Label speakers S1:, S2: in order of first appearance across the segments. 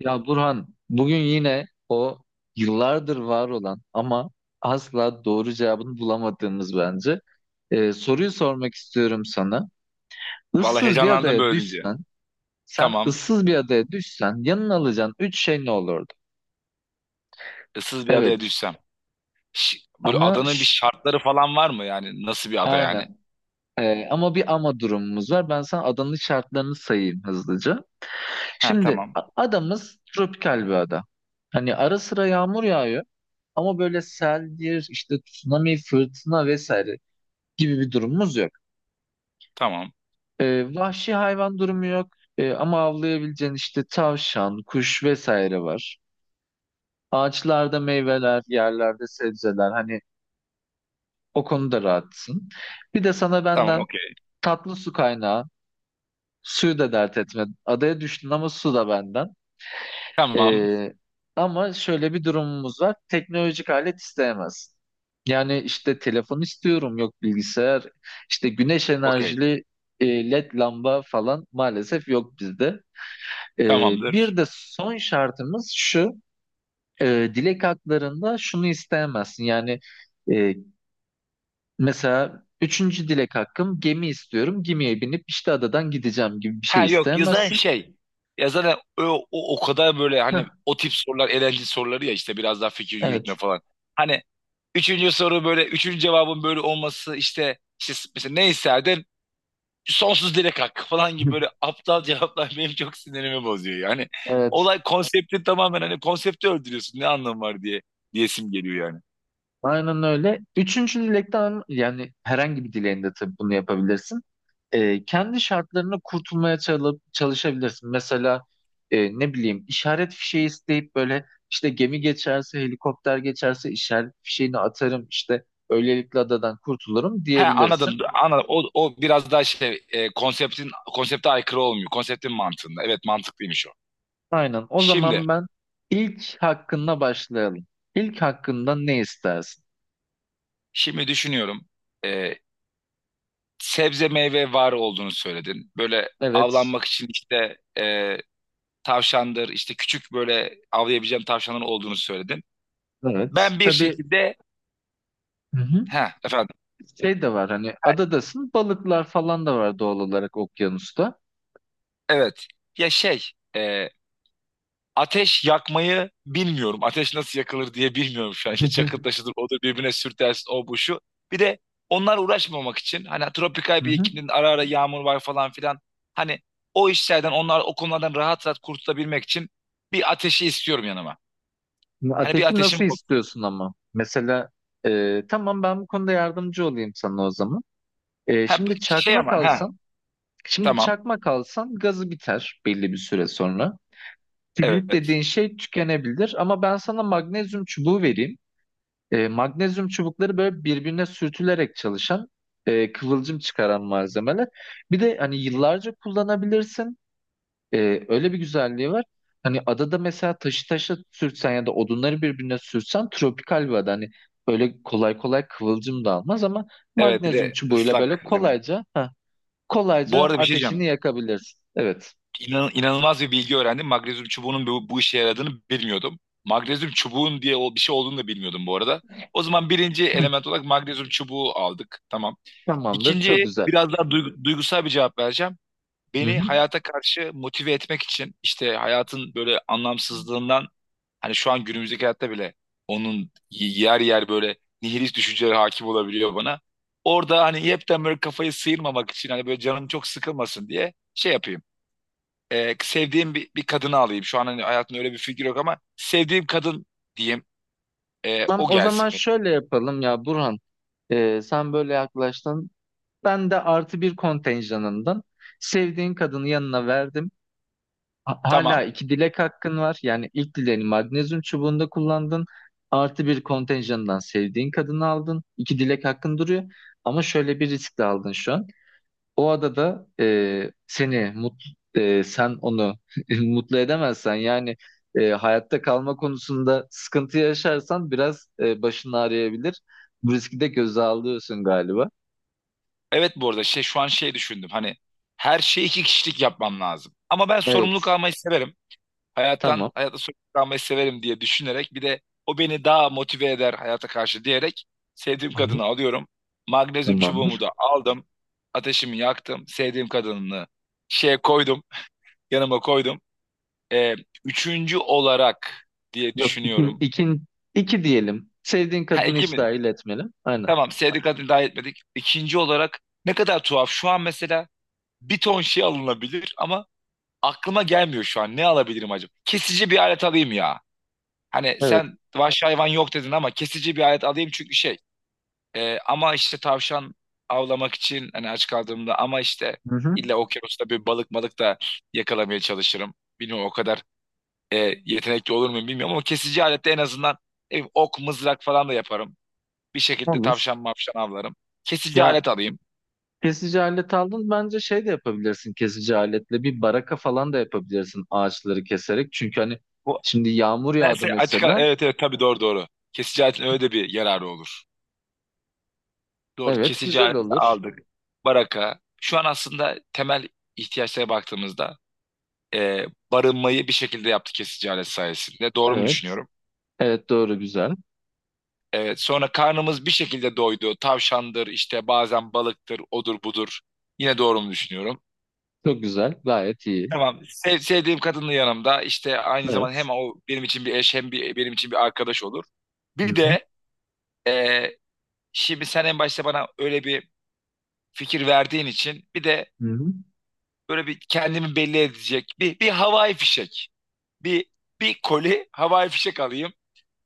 S1: Ya Burhan, bugün yine o yıllardır var olan ama asla doğru cevabını bulamadığımız bence soruyu sormak istiyorum sana.
S2: Vallahi
S1: Issız bir
S2: heyecanlandım
S1: adaya
S2: böyle deyince.
S1: düşsen,
S2: Tamam.
S1: yanına alacağın üç şey ne olurdu?
S2: Issız bir adaya
S1: Evet,
S2: düşsem. Böyle
S1: ama
S2: adanın bir şartları falan var mı yani? Nasıl bir ada yani?
S1: aynen. Ama bir ama durumumuz var. Ben sana adanın şartlarını sayayım hızlıca.
S2: Ha
S1: Şimdi
S2: tamam.
S1: adamız tropikal bir ada. Hani ara sıra yağmur yağıyor ama böyle seldir, işte tsunami, fırtına vesaire gibi bir durumumuz yok.
S2: Tamam.
S1: Vahşi hayvan durumu yok. Ama avlayabileceğin işte tavşan, kuş vesaire var. Ağaçlarda meyveler, yerlerde sebzeler, hani o konuda rahatsın. Bir de sana
S2: Tamam,
S1: benden
S2: okey.
S1: tatlı su kaynağı, suyu da dert etme. Adaya düştün ama su da benden.
S2: Tamam.
S1: Ee, ama şöyle bir durumumuz var. Teknolojik alet isteyemez. Yani işte telefon istiyorum, yok bilgisayar, işte güneş
S2: Okey.
S1: enerjili LED lamba falan maalesef yok bizde. Bir
S2: Tamamdır.
S1: de son şartımız şu, dilek haklarında şunu isteyemezsin. Yani e, mesela üçüncü dilek hakkım gemi istiyorum, gemiye binip işte adadan gideceğim gibi bir şey
S2: Ha, yok yazan
S1: isteyemezsin.
S2: şey. Yazan o kadar böyle
S1: Heh,
S2: hani o tip sorular eğlenceli soruları ya işte biraz daha fikir yürütme
S1: evet.
S2: falan. Hani üçüncü soru böyle üçüncü cevabın böyle olması işte, mesela ne isterdin? Sonsuz dilek hakkı falan gibi böyle aptal cevaplar benim çok sinirimi bozuyor. Yani
S1: Evet.
S2: olay konsepti tamamen hani konsepti öldürüyorsun ne anlamı var diye diyesim geliyor yani.
S1: Aynen öyle. Üçüncü dilekten, yani herhangi bir dileğinde tabii bunu yapabilirsin. Kendi şartlarına kurtulmaya çalışabilirsin. Mesela ne bileyim işaret fişeği isteyip böyle işte gemi geçerse, helikopter geçerse işaret fişeğini atarım işte böylelikle adadan kurtulurum
S2: He,
S1: diyebilirsin.
S2: anladım. Anladım. O, o biraz daha şey konseptin konsepte aykırı olmuyor. Konseptin mantığında. Evet, mantıklıymış o.
S1: Aynen. O
S2: Şimdi
S1: zaman ben ilk hakkında başlayalım. İlk hakkında ne istersin?
S2: şimdi düşünüyorum. E, Sebze meyve var olduğunu söyledin. Böyle
S1: Evet.
S2: avlanmak için işte tavşandır işte küçük böyle avlayabileceğim tavşanların olduğunu söyledin.
S1: Evet.
S2: Ben bir
S1: Tabii.
S2: şekilde
S1: Hı hı.
S2: he efendim.
S1: Şey de var, hani adadasın, balıklar falan da var doğal olarak okyanusta.
S2: Evet. Ya şey, e, ateş yakmayı bilmiyorum. Ateş nasıl yakılır diye bilmiyorum şu an. İşte çakıl taşıdır, odur birbirine sürtersin, o bu şu. Bir de onlar uğraşmamak için hani tropikal
S1: Hı
S2: bir
S1: hı.
S2: iklimde ara ara yağmur var falan filan. Hani o işlerden onlar o konulardan rahat rahat kurtulabilmek için bir ateşi istiyorum yanıma.
S1: Şimdi
S2: Hani bir
S1: ateşi
S2: ateşim
S1: nasıl
S2: olsun.
S1: istiyorsun ama? Mesela tamam, ben bu konuda yardımcı olayım sana o zaman.
S2: Ha,
S1: Şimdi
S2: şey
S1: çakmak
S2: ama ha,
S1: alsan,
S2: tamam.
S1: gazı biter belli bir süre sonra. Kibrit
S2: Evet.
S1: dediğin şey tükenebilir ama ben sana magnezyum çubuğu vereyim. Magnezyum çubukları böyle birbirine sürtülerek çalışan, kıvılcım çıkaran malzemeler. Bir de hani yıllarca kullanabilirsin. Öyle bir güzelliği var. Hani adada mesela taşı taşa sürtsen ya da odunları birbirine sürtsen, tropikal bir ada, hani böyle kolay kolay kıvılcım da almaz ama
S2: Evet, bir
S1: magnezyum
S2: de
S1: çubuğuyla böyle
S2: ıslak zemin.
S1: kolayca
S2: Bu
S1: kolayca
S2: arada bir şey diyeceğim.
S1: ateşini yakabilirsin. Evet.
S2: İnanılmaz bir bilgi öğrendim. Magnezyum çubuğunun bu işe yaradığını bilmiyordum. Magnezyum çubuğun diye bir şey olduğunu da bilmiyordum bu arada. O zaman birinci
S1: Hı.
S2: element olarak magnezyum çubuğu aldık. Tamam.
S1: Tamamdır. Çok
S2: İkinciye
S1: güzel.
S2: biraz daha duygusal bir cevap vereceğim.
S1: Hı
S2: Beni
S1: hı.
S2: hayata karşı motive etmek için işte hayatın böyle anlamsızlığından hani şu an günümüzdeki hayatta bile onun yer yer böyle nihilist düşünceleri hakim olabiliyor bana. Orada hani hepten böyle kafayı sıyırmamak için hani böyle canım çok sıkılmasın diye şey yapayım, sevdiğim bir kadını alayım. Şu an hani hayatımda öyle bir figür yok ama sevdiğim kadın diyeyim. E,
S1: Tamam,
S2: o
S1: o zaman
S2: gelsin benim.
S1: şöyle yapalım ya Burhan. Sen böyle yaklaştın. Ben de artı bir kontenjanından sevdiğin kadını yanına verdim. Hala
S2: Tamam.
S1: iki dilek hakkın var. Yani ilk dileğini magnezyum çubuğunda kullandın. Artı bir kontenjandan sevdiğin kadını aldın. İki dilek hakkın duruyor. Ama şöyle bir risk de aldın şu an. O adada seni mutlu, sen onu mutlu edemezsen yani hayatta kalma konusunda sıkıntı yaşarsan biraz başın ağrıyabilir. Bu riski de göze alıyorsun galiba.
S2: Evet, bu arada şey şu an şey düşündüm. Hani her şeyi iki kişilik yapmam lazım. Ama ben sorumluluk
S1: Evet.
S2: almayı severim.
S1: Tamam.
S2: Hayatta sorumluluk almayı severim diye düşünerek bir de o beni daha motive eder hayata karşı diyerek sevdiğim
S1: Hı hı.
S2: kadını alıyorum. Magnezyum çubuğumu
S1: Tamamdır.
S2: da aldım. Ateşimi yaktım. Sevdiğim kadını şeye koydum. Yanıma koydum. E, üçüncü olarak diye
S1: Yok,
S2: düşünüyorum.
S1: iki diyelim. Sevdiğin
S2: Ha,
S1: kadını hiç
S2: Ekim'in.
S1: dahil etmeli. Aynen.
S2: Tamam, Sevdik adını dahil etmedik. İkinci olarak ne kadar tuhaf. Şu an mesela bir ton şey alınabilir ama aklıma gelmiyor şu an. Ne alabilirim acaba? Kesici bir alet alayım ya. Hani
S1: Evet.
S2: sen vahşi hayvan yok dedin ama kesici bir alet alayım çünkü şey. Ama işte tavşan avlamak için hani aç kaldığımda ama işte
S1: Hı hı.
S2: illa okyanusta bir balık malık da yakalamaya çalışırım. Bilmiyorum o kadar e, yetenekli olur muyum bilmiyorum ama kesici alette en azından ne bileyim, ok mızrak falan da yaparım. Bir şekilde
S1: Olur.
S2: tavşan mavşan avlarım. Kesici
S1: Ya
S2: alet alayım.
S1: kesici alet aldın, bence şey de yapabilirsin, kesici aletle bir baraka falan da yapabilirsin ağaçları keserek. Çünkü hani
S2: Bu
S1: şimdi yağmur yağdı
S2: nedense
S1: mesela.
S2: evet evet, tabii, doğru doğru. Kesici aletin öyle de bir yararı olur. Doğru,
S1: Evet,
S2: kesici
S1: güzel
S2: aleti
S1: olur.
S2: aldık. Baraka. Şu an aslında temel ihtiyaçlara baktığımızda e, barınmayı bir şekilde yaptı kesici alet sayesinde. Doğru mu
S1: Evet.
S2: düşünüyorum?
S1: Evet, doğru, güzel.
S2: Evet, sonra karnımız bir şekilde doydu. Tavşandır, işte bazen balıktır, odur budur. Yine doğru mu düşünüyorum?
S1: Çok güzel. Gayet iyi.
S2: Tamam. Sevdiğim kadının yanımda işte aynı zaman
S1: Evet.
S2: hem o benim için bir eş hem benim için bir arkadaş olur.
S1: Hı
S2: Bir
S1: hı.
S2: de e, şimdi sen en başta bana öyle bir fikir verdiğin için bir de
S1: Hı hı.
S2: böyle bir kendimi belli edecek bir havai fişek. Bir Bir koli havai fişek alayım.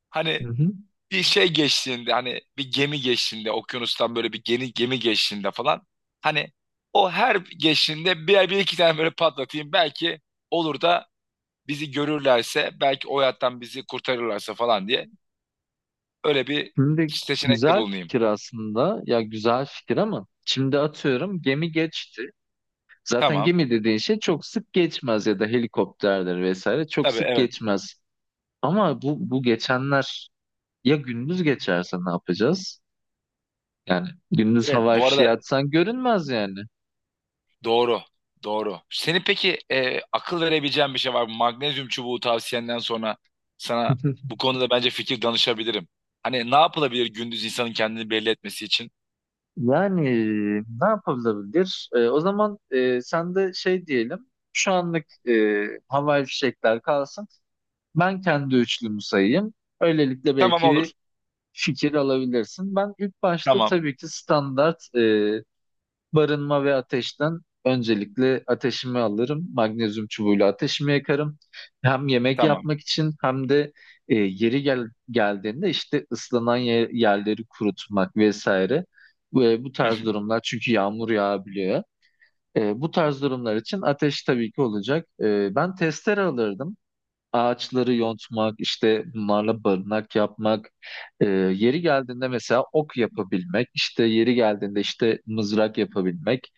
S2: Hani
S1: Hı hı.
S2: bir şey geçtiğinde hani bir gemi geçtiğinde okyanustan böyle bir gemi geçtiğinde falan hani o her geçtiğinde bir iki tane böyle patlatayım belki olur da bizi görürlerse belki o hayattan bizi kurtarırlarsa falan diye öyle bir
S1: Şimdi
S2: seçenekte
S1: güzel
S2: bulunayım.
S1: fikir aslında. Ya güzel fikir ama şimdi atıyorum gemi geçti. Zaten
S2: Tamam.
S1: gemi dediğin şey çok sık geçmez ya da helikopterdir vesaire çok
S2: Tabii,
S1: sık
S2: evet.
S1: geçmez. Ama bu geçenler ya gündüz geçerse ne yapacağız? Yani gündüz
S2: Evet,
S1: havai
S2: bu
S1: fişeği
S2: arada
S1: atsan görünmez yani.
S2: doğru. Doğru. Senin peki akıl verebileceğin bir şey var mı? Magnezyum çubuğu tavsiyenden sonra sana bu konuda bence fikir danışabilirim. Hani ne yapılabilir gündüz insanın kendini belli etmesi için?
S1: Yani ne yapılabilir? O zaman sen de şey diyelim. Şu anlık havai fişekler kalsın. Ben kendi üçlümü sayayım. Öylelikle
S2: Tamam,
S1: belki bir
S2: olur.
S1: fikir alabilirsin. Ben ilk başta
S2: Tamam.
S1: tabii ki standart, barınma ve ateşten öncelikle ateşimi alırım. Magnezyum çubuğuyla ateşimi yakarım. Hem yemek
S2: Tamam.
S1: yapmak için hem de yeri geldiğinde işte ıslanan yerleri kurutmak vesaire. Ve bu
S2: Hı hı,
S1: tarz durumlar, çünkü yağmur yağabiliyor. Bu tarz durumlar için ateş tabii ki olacak. Ben testere alırdım. Ağaçları yontmak, işte bunlarla barınak yapmak, yeri geldiğinde mesela ok yapabilmek, işte yeri geldiğinde işte mızrak yapabilmek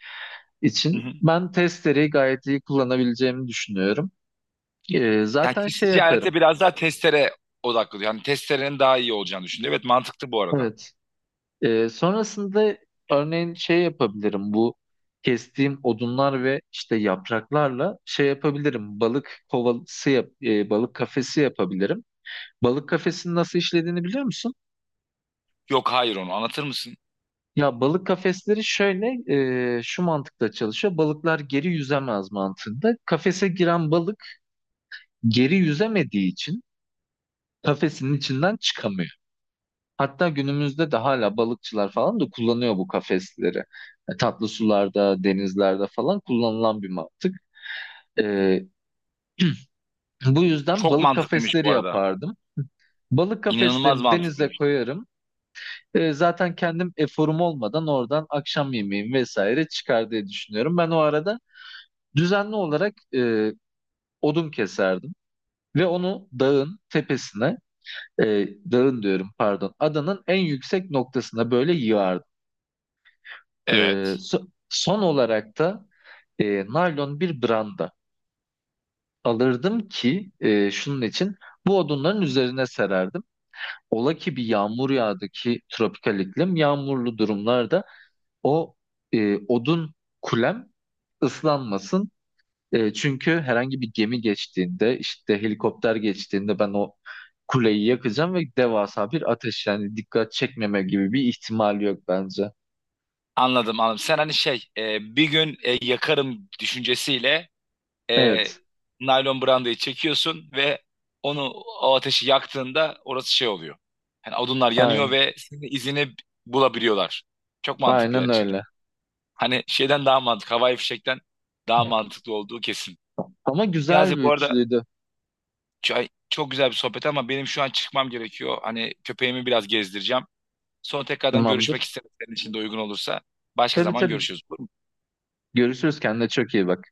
S2: hı hı.
S1: için ben testereyi gayet iyi kullanabileceğimi düşünüyorum.
S2: Yani
S1: Zaten şey
S2: kesici
S1: yaparım.
S2: alete biraz daha testere odaklı. Yani testerenin daha iyi olacağını düşündü. Evet, mantıklı bu arada.
S1: Evet. Sonrasında örneğin şey yapabilirim. Bu kestiğim odunlar ve işte yapraklarla şey yapabilirim. Balık kovası yap, balık kafesi yapabilirim. Balık kafesinin nasıl işlediğini biliyor musun?
S2: Yok, hayır, onu anlatır mısın?
S1: Ya balık kafesleri şöyle şu mantıkla çalışıyor. Balıklar geri yüzemez mantığında. Kafese giren balık geri yüzemediği için kafesinin içinden çıkamıyor. Hatta günümüzde de hala balıkçılar falan da kullanıyor bu kafesleri. E, tatlı sularda, denizlerde falan kullanılan bir mantık. E, bu yüzden
S2: Çok
S1: balık
S2: mantıklıymış
S1: kafesleri
S2: bu arada.
S1: yapardım. Balık
S2: İnanılmaz
S1: kafeslerini denize
S2: mantıklıymış.
S1: koyarım. Zaten kendim eforum olmadan oradan akşam yemeğim vesaire çıkar diye düşünüyorum. Ben o arada düzenli olarak odun keserdim. Ve onu dağın tepesine, dağın diyorum pardon, adanın en yüksek noktasına böyle yığardım.
S2: Evet.
S1: Son olarak da naylon bir branda alırdım ki şunun için bu odunların üzerine sererdim. Ola ki bir yağmur yağdı ki tropikal iklim yağmurlu durumlarda o odun kulem ıslanmasın. E, çünkü herhangi bir gemi geçtiğinde işte helikopter geçtiğinde ben o kuleyi yakacağım ve devasa bir ateş, yani dikkat çekmeme gibi bir ihtimal yok bence.
S2: Anladım anladım. Sen hani şey bir gün yakarım düşüncesiyle e,
S1: Evet,
S2: naylon brandayı çekiyorsun ve onu o ateşi yaktığında orası şey oluyor. Yani odunlar yanıyor
S1: aynen,
S2: ve senin izini bulabiliyorlar. Çok mantıklı
S1: aynen
S2: gerçekten.
S1: öyle.
S2: Hani şeyden daha mantıklı, havai fişekten daha mantıklı olduğu kesin.
S1: Ama güzel
S2: Niyazi
S1: bir
S2: bu arada
S1: üçlüydü.
S2: çok güzel bir sohbet ama benim şu an çıkmam gerekiyor. Hani köpeğimi biraz gezdireceğim. Sonra tekrardan görüşmek
S1: Tamamdır.
S2: isterim senin için de uygun olursa. Başka
S1: Tabii
S2: zaman
S1: tabii.
S2: görüşürüz. Olur mu?
S1: Görüşürüz. Kendine çok iyi bak.